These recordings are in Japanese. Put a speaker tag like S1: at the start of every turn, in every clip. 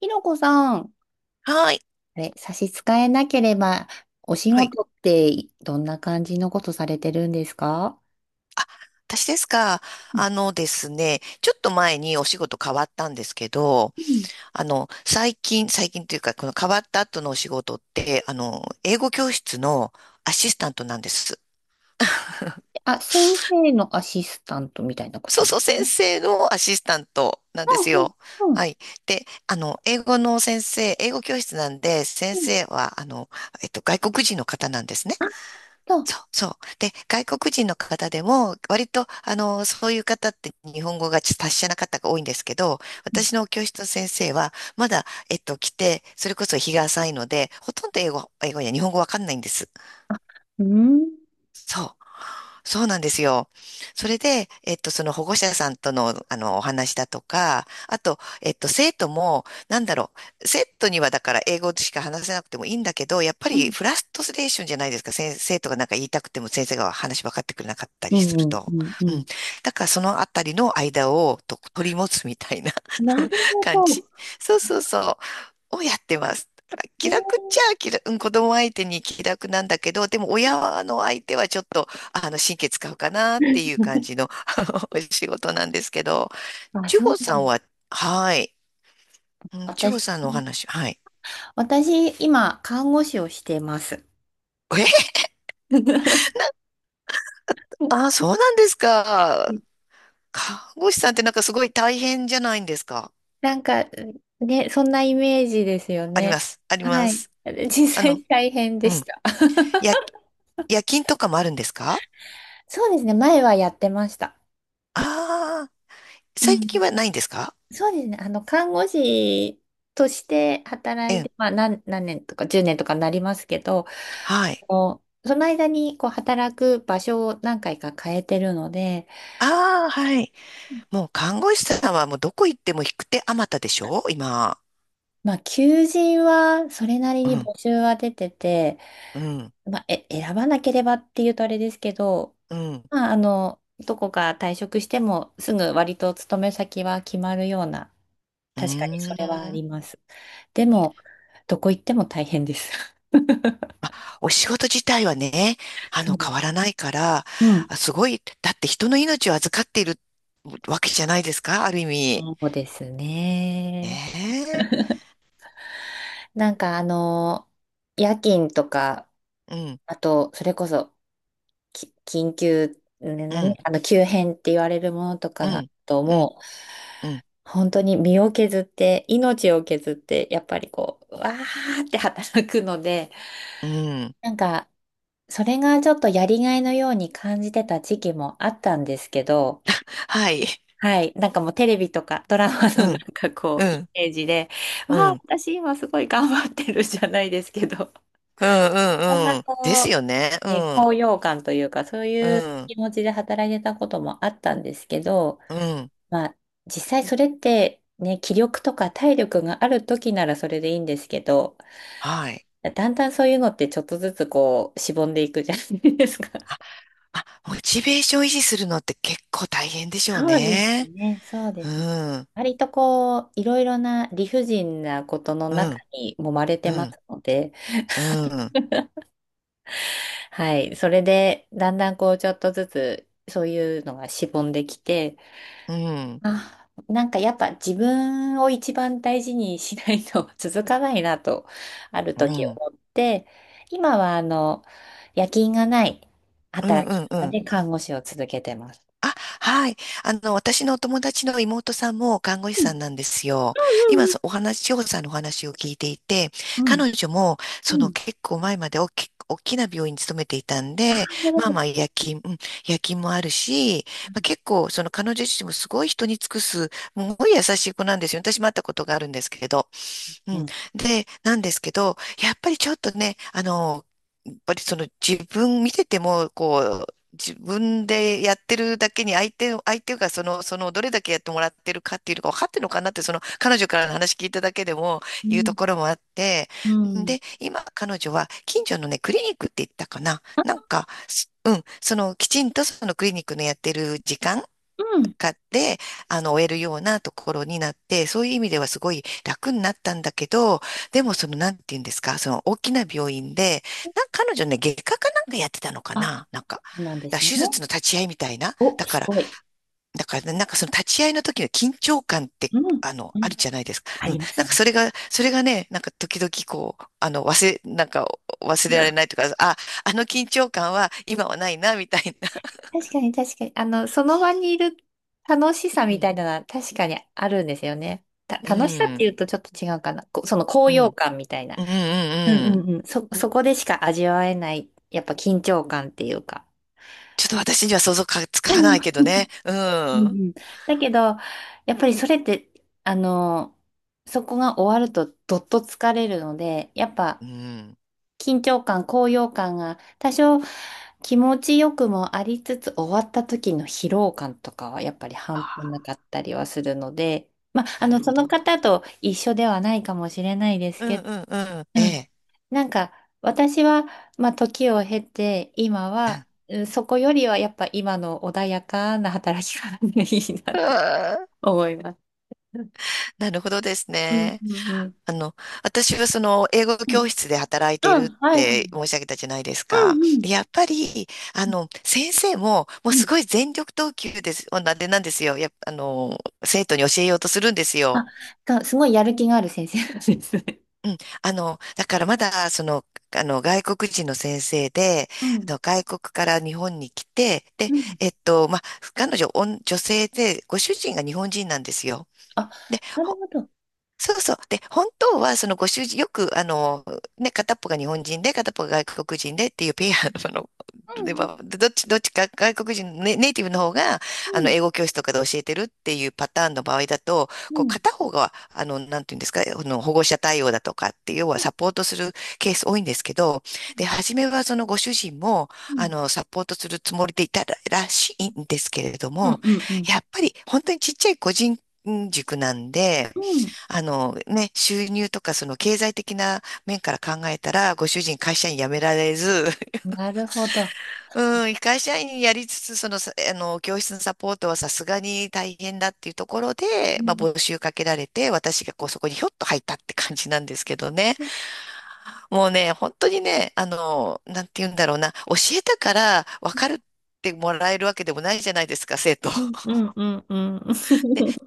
S1: ひろこさん、
S2: はい。
S1: あれ、差し支えなければ、お仕
S2: はい。
S1: 事ってどんな感じのことされてるんですか？
S2: 私ですか？
S1: うん
S2: あのですね、ちょっと前にお仕事変わったんですけど、
S1: うん。
S2: 最近、最近というか、この変わった後のお仕事って、英語教室のアシスタントなんです。
S1: あ、先生のアシスタントみたいなこ
S2: そ
S1: と
S2: う
S1: で
S2: そ
S1: す
S2: う、先
S1: か？
S2: 生のアシスタントなんです
S1: うん
S2: よ。
S1: うん
S2: はい。で、英語の先生、英語教室なんで、先
S1: うんうん。
S2: 生は、外国人の方なんですね。
S1: あ、そう。
S2: そうそう。で、外国人の方でも、割と、そういう方って日本語がちょっと達者な方が多いんですけど、
S1: うん。
S2: 私の教室の先生は、まだ、来て、それこそ日が浅いので、ほとんど英語、英語や日本語わかんないんです。
S1: あ、うん
S2: そう。そうなんですよ。それで、その保護者さんとの、お話だとか、あと、生徒も、生徒にはだから英語しか話せなくてもいいんだけど、やっぱ
S1: う
S2: り
S1: ん
S2: フラストレーションじゃないですか。先生とかなんか言いたくても先生が話分かってくれなかった
S1: う
S2: りする
S1: んう
S2: と。
S1: ん。
S2: うん。
S1: う
S2: だからそのあたりの間をと取り持つみたいな
S1: ん、なる ほ
S2: 感じ。
S1: ど。
S2: そうそうそをやってます。だから気
S1: ね。
S2: 楽っちゃ気楽、うん子供相手に気楽なんだけど、でも親の相手はちょっと、神経使うかなっていう感じ のお仕事なんですけど、
S1: あ、
S2: 千
S1: そう。
S2: 穂さんは、はい。うん、千穂
S1: 私、
S2: さんのお話、はい。
S1: 私、今、看護師をしてます。
S2: え
S1: う
S2: あ、そうなんですか。
S1: ん。
S2: 看護師さんってなんかすごい大変じゃないんですか？
S1: なんか、ね、そんなイメージですよ
S2: あり
S1: ね。
S2: ます、あり
S1: は
S2: ま
S1: い。
S2: す。
S1: 実
S2: あの、
S1: 際大変で
S2: う
S1: し
S2: ん。
S1: た。
S2: や、夜勤とかもあるんですか？
S1: そうですね、前はやってました。
S2: ああ、ー、
S1: う
S2: 最近
S1: ん。
S2: はないんですか？
S1: そうですね、あの、看護師として
S2: う
S1: 働い
S2: ん。
S1: て、まあ、何年とか10年とかになりますけど、
S2: はい。
S1: あのその間にこう働く場所を何回か変えてるので、
S2: ああ、はい。もう看護師さんはもうどこ行っても引く手あまたでしょ今。
S1: まあ、求人はそれなり
S2: う
S1: に
S2: ん、
S1: 募集は出てて、
S2: うん、
S1: まあ、選ばなければっていうとあれですけど、
S2: うん。
S1: まあ、あの、どこか退職してもすぐ割と勤め先は決まるような、
S2: う
S1: 確かにそ
S2: ー
S1: れはあ
S2: ん。
S1: ります。でも、どこ行っても大変です。
S2: お仕事自体はね、
S1: そうで
S2: 変
S1: す。
S2: わらないから、
S1: うん。
S2: あすごい、だって人の命を預かっているわけじゃないですか、ある意味。
S1: そうですね。
S2: ね
S1: なんかあの、夜勤とか、
S2: え。うん、
S1: あと、それこそ、緊急、ね、
S2: う
S1: 何
S2: ん、
S1: あの、急変って言われるものとか
S2: う
S1: が、
S2: ん、
S1: と、
S2: うん、
S1: もう、
S2: うん、
S1: 本当に身を削って、命を削って、やっぱりこう、わーって働くので、
S2: うん。
S1: なんか、それがちょっとやりがいのように感じてた時期もあったんですけど、
S2: はい。
S1: はい。なんかもうテレビとかドラマ
S2: う
S1: のなん
S2: ん、
S1: か
S2: う
S1: こう、イ
S2: ん、
S1: メージで、わ
S2: うん、
S1: あ、
S2: うん、
S1: 私今すごい頑張ってるじゃないですけど、
S2: う
S1: そん
S2: ん、
S1: な
S2: うん。です
S1: こ
S2: よね。
S1: う、
S2: う
S1: ね、
S2: ん、
S1: 高揚感というか、そう
S2: う
S1: いう
S2: ん、
S1: 気持ちで働いてたこともあったんですけど、
S2: うん。
S1: まあ、実際それってね、気力とか体力がある時ならそれでいいんですけど、
S2: はい。
S1: だんだんそういうのってちょっとずつこう、しぼんでいくじゃないですか。
S2: あ、あ、モチベーション維持するのって結構大変でしょう
S1: そうです
S2: ね。
S1: ね、そうで
S2: う
S1: すね。
S2: ん、
S1: 割とこう、いろいろな理不尽なことの
S2: う
S1: 中
S2: ん、
S1: に揉まれ
S2: う
S1: てま
S2: ん、
S1: すので、
S2: うん、
S1: はい。それで、だんだんこう、ちょっとずつ、そういうのがしぼんできて、
S2: うん、うん、
S1: あ、なんかやっぱ自分を一番大事にしないと 続かないなと、ある
S2: う
S1: 時思
S2: ん、
S1: って、今はあの、夜勤がない
S2: う
S1: 働き
S2: ん、う
S1: 方
S2: ん。
S1: で看護師を続けてます。
S2: あ、はい。私のお友達の妹さんも看護師
S1: う
S2: さ
S1: ん、
S2: んなんですよ。今、そお話、千穂さんのお話を聞いていて、
S1: うん、
S2: 彼女も、
S1: う
S2: そ
S1: んうん。う
S2: の
S1: ん、
S2: 結構前まで大き、大きな病院に勤めていたん
S1: なる
S2: で、
S1: ほ
S2: まあ
S1: ど。
S2: まあ夜勤、うん夜勤もあるし、まあ、結構、その彼女自身もすごい人に尽くす、すごい優しい子なんですよ。私も会ったことがあるんですけど。う
S1: う
S2: ん。
S1: ん。
S2: で、なんですけど、やっぱりちょっとね、やっぱりその自分見てても、こう、自分でやってるだけに相手を、相手がその、その、どれだけやってもらってるかっていうのが分かってるのかなって、その、彼女からの話聞いただけでも
S1: う
S2: 言うと
S1: ん。
S2: ころもあって、
S1: うん
S2: で、今、彼女は近所のね、クリニックって言ったかな。な
S1: あ、
S2: んか、すうん、その、きちんとそのクリニックのやってる時間
S1: うん。
S2: かで、終えるようなところになって、そういう意味ではすごい楽になったんだけど、でもその、なんて言うんですか、その大きな病院で、なんか彼女ね、外科かなんかやってたのか
S1: あ、
S2: ななんか、だか
S1: そうなんで
S2: ら
S1: すね。
S2: 手術の立ち会いみたいな。
S1: お、
S2: だ
S1: す
S2: から、
S1: ごい。
S2: だからねなんかその立ち会いの時の緊張感って、
S1: うん、う
S2: あ
S1: ん。
S2: るじゃないですか。
S1: あ
S2: う
S1: り
S2: ん。
S1: ます
S2: なんか
S1: ね。
S2: それが、それがね、なんか時々こう、忘れられないとか、あ、あの緊張感は今はないな、みたいな。
S1: 確かに確かに。あの、その場にいる楽しさ
S2: う
S1: み
S2: ん。
S1: たいなのは確かにあるんですよね。
S2: う
S1: 楽しさって
S2: ん。
S1: いうとちょっと違うかな。その高
S2: う
S1: 揚
S2: ん。
S1: 感みたいな。
S2: うん。う
S1: うんう
S2: ん。うん
S1: んうん。そこでしか味わえない、やっぱ緊張感っていうか。
S2: ちょっと私には想像かつ
S1: う
S2: かな
S1: ん
S2: いけど
S1: うん
S2: ね。う
S1: う
S2: ん。
S1: ん。だけど、やっぱりそれって、あの、そこが終わるとどっと疲れるので、やっ
S2: う
S1: ぱ
S2: ん。
S1: 緊張感、高揚感が多少気持ちよくもありつつ終わった時の疲労感とかはやっぱり半端
S2: あ、
S1: なかったりはするので、まあ、あ
S2: なる
S1: の、そ
S2: ほ
S1: の
S2: ど。
S1: 方と一緒ではないかもしれないです
S2: うん
S1: けど、
S2: うんうん。え
S1: うん。
S2: え。
S1: なんか私は、まあ、時を経て今
S2: うん
S1: は、うん、そこよりはやっぱ今の穏やかな働き方がいいなっ
S2: う
S1: て
S2: ん
S1: 思います。
S2: なるほどです
S1: うん
S2: ね。
S1: うんうん。
S2: あの、私はその英語
S1: う
S2: 教
S1: ん、
S2: 室で働い
S1: う
S2: ている
S1: ん
S2: っ
S1: はいはい。う
S2: て申し上げたじゃないです
S1: ん
S2: か。
S1: うん。
S2: やっぱり、
S1: うん
S2: 先生ももうすごい全力投球です、なんでなんですよ。やっぱ、生徒に教えようとするんです
S1: あ、
S2: よ。
S1: すごいやる気がある先生なんですね。
S2: うん、あの、だからまだ、その、あの、外国人の先生で、
S1: うん、
S2: 外国から日本に来て、で、
S1: うん。
S2: えっと、まあ、彼女、おん女性で、ご主人が日本人なんですよ。
S1: あ、
S2: で、
S1: なるほど。
S2: そうそう。で、本当は、そのご主人、よく、ね、片っぽが日本人で、片っぽが外国人でっていうペアの、
S1: う
S2: で
S1: ん、
S2: はどっち、どっちか外国人のネ、ネイティブの方が、
S1: うん、
S2: 英語教室とかで教えてるっていうパターンの場合だと、
S1: う
S2: こう、
S1: ん、
S2: 片方が、なんていうんですか、保護者対応だとかって、要は
S1: うん、
S2: サポートするケース多いんですけど、で、初めはそのご主人も、
S1: う
S2: サポートするつもりでいたら、らしいんですけれど
S1: ん、
S2: も、
S1: うん、うん。
S2: やっぱり、本当にちっちゃい個人塾なんで、
S1: うん、
S2: あのね、収入とかその経済的な面から考えたら、ご主人会社員辞められず、
S1: なるほど。
S2: うん、会社員やりつつ、その、さあの、教室のサポートはさすがに大変だっていうところ
S1: う
S2: で、まあ、
S1: ん。
S2: 募集かけられて、私がこう、そこにひょっと入ったって感じなんですけどね。もうね、本当にね、あの、なんて言うんだろうな、教えたから分かるってもらえるわけでもないじゃないですか、生徒。
S1: うん、うん、うん、う
S2: で、
S1: ん。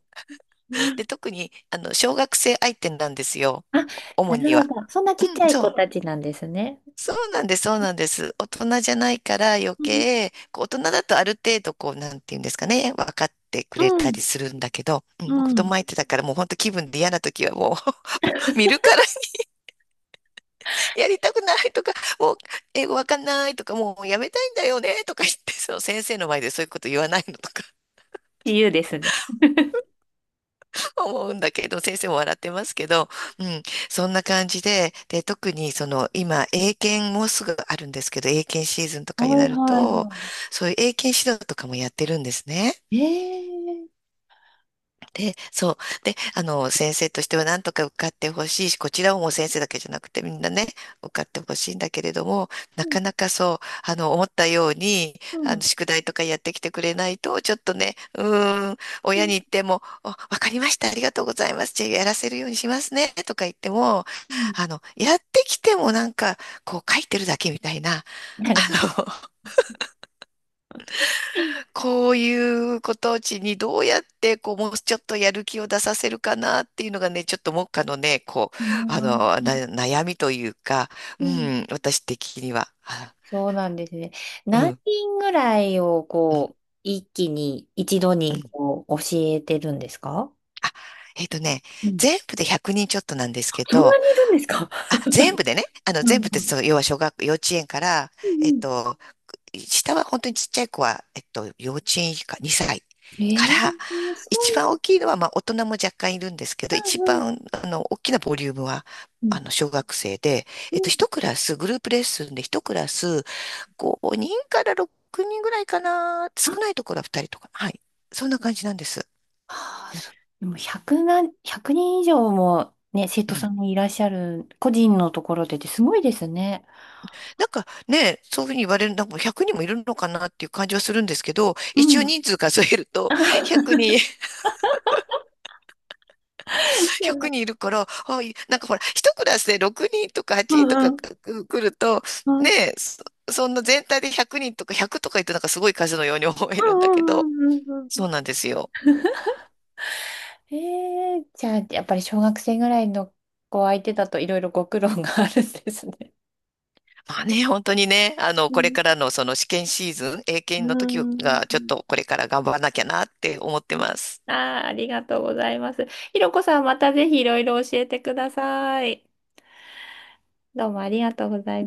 S2: で、特に、小学生相手なんですよ。
S1: あ、
S2: 主
S1: な
S2: に
S1: る
S2: は。
S1: ほど。そんなちっち
S2: う
S1: ゃ
S2: ん、
S1: い
S2: そ
S1: 子
S2: う。
S1: たちなんですね。
S2: そうなんです、そうなんです。大人じゃないから余
S1: うん
S2: 計、こう大人だとある程度こう、なんていうんですかね、分かってくれ
S1: う
S2: たり
S1: ん
S2: するんだけど、う
S1: う
S2: ん、子供
S1: ん。
S2: 相手だからもう本当気分で嫌な時はもう 見るから やりたくないとか、もう英語わかんないとか、もうやめたいんだよねとか言って、その先生の前でそういうこと言わないのとか。
S1: 自由ですね。
S2: 思うんだけど、先生も笑ってますけど、うん、そんな感じで、で、特にその今、英検もうすぐあるんですけど、英検シーズンと
S1: は
S2: かに
S1: い
S2: なる
S1: はい
S2: と、
S1: は
S2: そういう英検指導とかもやってるんですね。
S1: い。ええ。
S2: で、そう。で、先生としては何とか受かってほしいし、こちらももう先生だけじゃなくてみんなね、受かってほしいんだけれども、な
S1: うん
S2: かなかそう、あの、思ったように、
S1: うん
S2: 宿題とかやってきてくれないと、ちょっとね、うーん、
S1: う
S2: 親に
S1: ん
S2: 言っても、おわかりました、ありがとうございます、じゃあやらせるようにしますね、とか言っても、
S1: うん。
S2: やってきてもなんか、こう書いてるだけみたいな、
S1: なるほど。
S2: こういうことうちにどうやってこうもうちょっとやる気を出させるかなっていうのがね、ちょっと目下のね、こう、
S1: うん
S2: 悩みというか、う
S1: うん。
S2: ん、私的には。あ
S1: そうなんですね。
S2: う
S1: 何
S2: ん、
S1: 人ぐらいを
S2: うん、
S1: こう、一気に、一度
S2: う
S1: に
S2: ん。
S1: こう、教えてるんですか？
S2: あ、えっとね、
S1: うん。
S2: 全部で100人ちょっとなんですけ
S1: そんな
S2: ど、
S1: にいるんですか？
S2: あ、全部でね、
S1: うん
S2: 全部って
S1: うん
S2: そう要は小学、幼稚園から、
S1: う
S2: え
S1: ん
S2: っ
S1: うん。
S2: と、下は本当にちっちゃい子は、幼稚園以下、2歳
S1: え
S2: か
S1: え
S2: ら、
S1: ーすごい。
S2: 一番大きいのは、まあ、大人も若干いるんですけど、
S1: う
S2: 一
S1: んうん
S2: 番、大きなボリュームは、
S1: うん。
S2: 小学生で、
S1: うん
S2: 一クラス、グループレッスンで一クラス、5人から6人ぐらいかな、
S1: あ
S2: 少ないところは2人とか、はい。そんな感じなんです。
S1: あー、そう。でも100何、1人以上もね、生
S2: う
S1: 徒さ
S2: ん
S1: んもいらっしゃる、個人のところでってすごいですね。
S2: なんかね、そういうふうに言われるのも100人もいるのかなっていう感じはするんですけど、
S1: う
S2: 一応
S1: ん。
S2: 人数数えると
S1: あ。
S2: 100 人100人いるから、あ、いなんかほら、一クラスで6人とか
S1: う
S2: 8人と
S1: んう
S2: か
S1: ん
S2: く来ると、
S1: うんう
S2: ね
S1: ん
S2: え、そ、そんな全体で100人とか100とか言ってなんかすごい数のように思え
S1: う
S2: るんだけど、
S1: んうんう
S2: そ
S1: ん。
S2: うなんですよ。
S1: ええーじゃあ、やっぱり小学生ぐらいの子相手だといろいろご苦労があるんですね。
S2: まあね、本当にね、
S1: う
S2: これ
S1: ん。
S2: からのその試験シーズン、英
S1: う
S2: 検の時がちょっ
S1: ん
S2: とこれから頑張らなきゃなって思ってます。
S1: ああ、ありがとうございます。ひろこさん、またぜひいろいろ教えてください。どうもありがとうございます。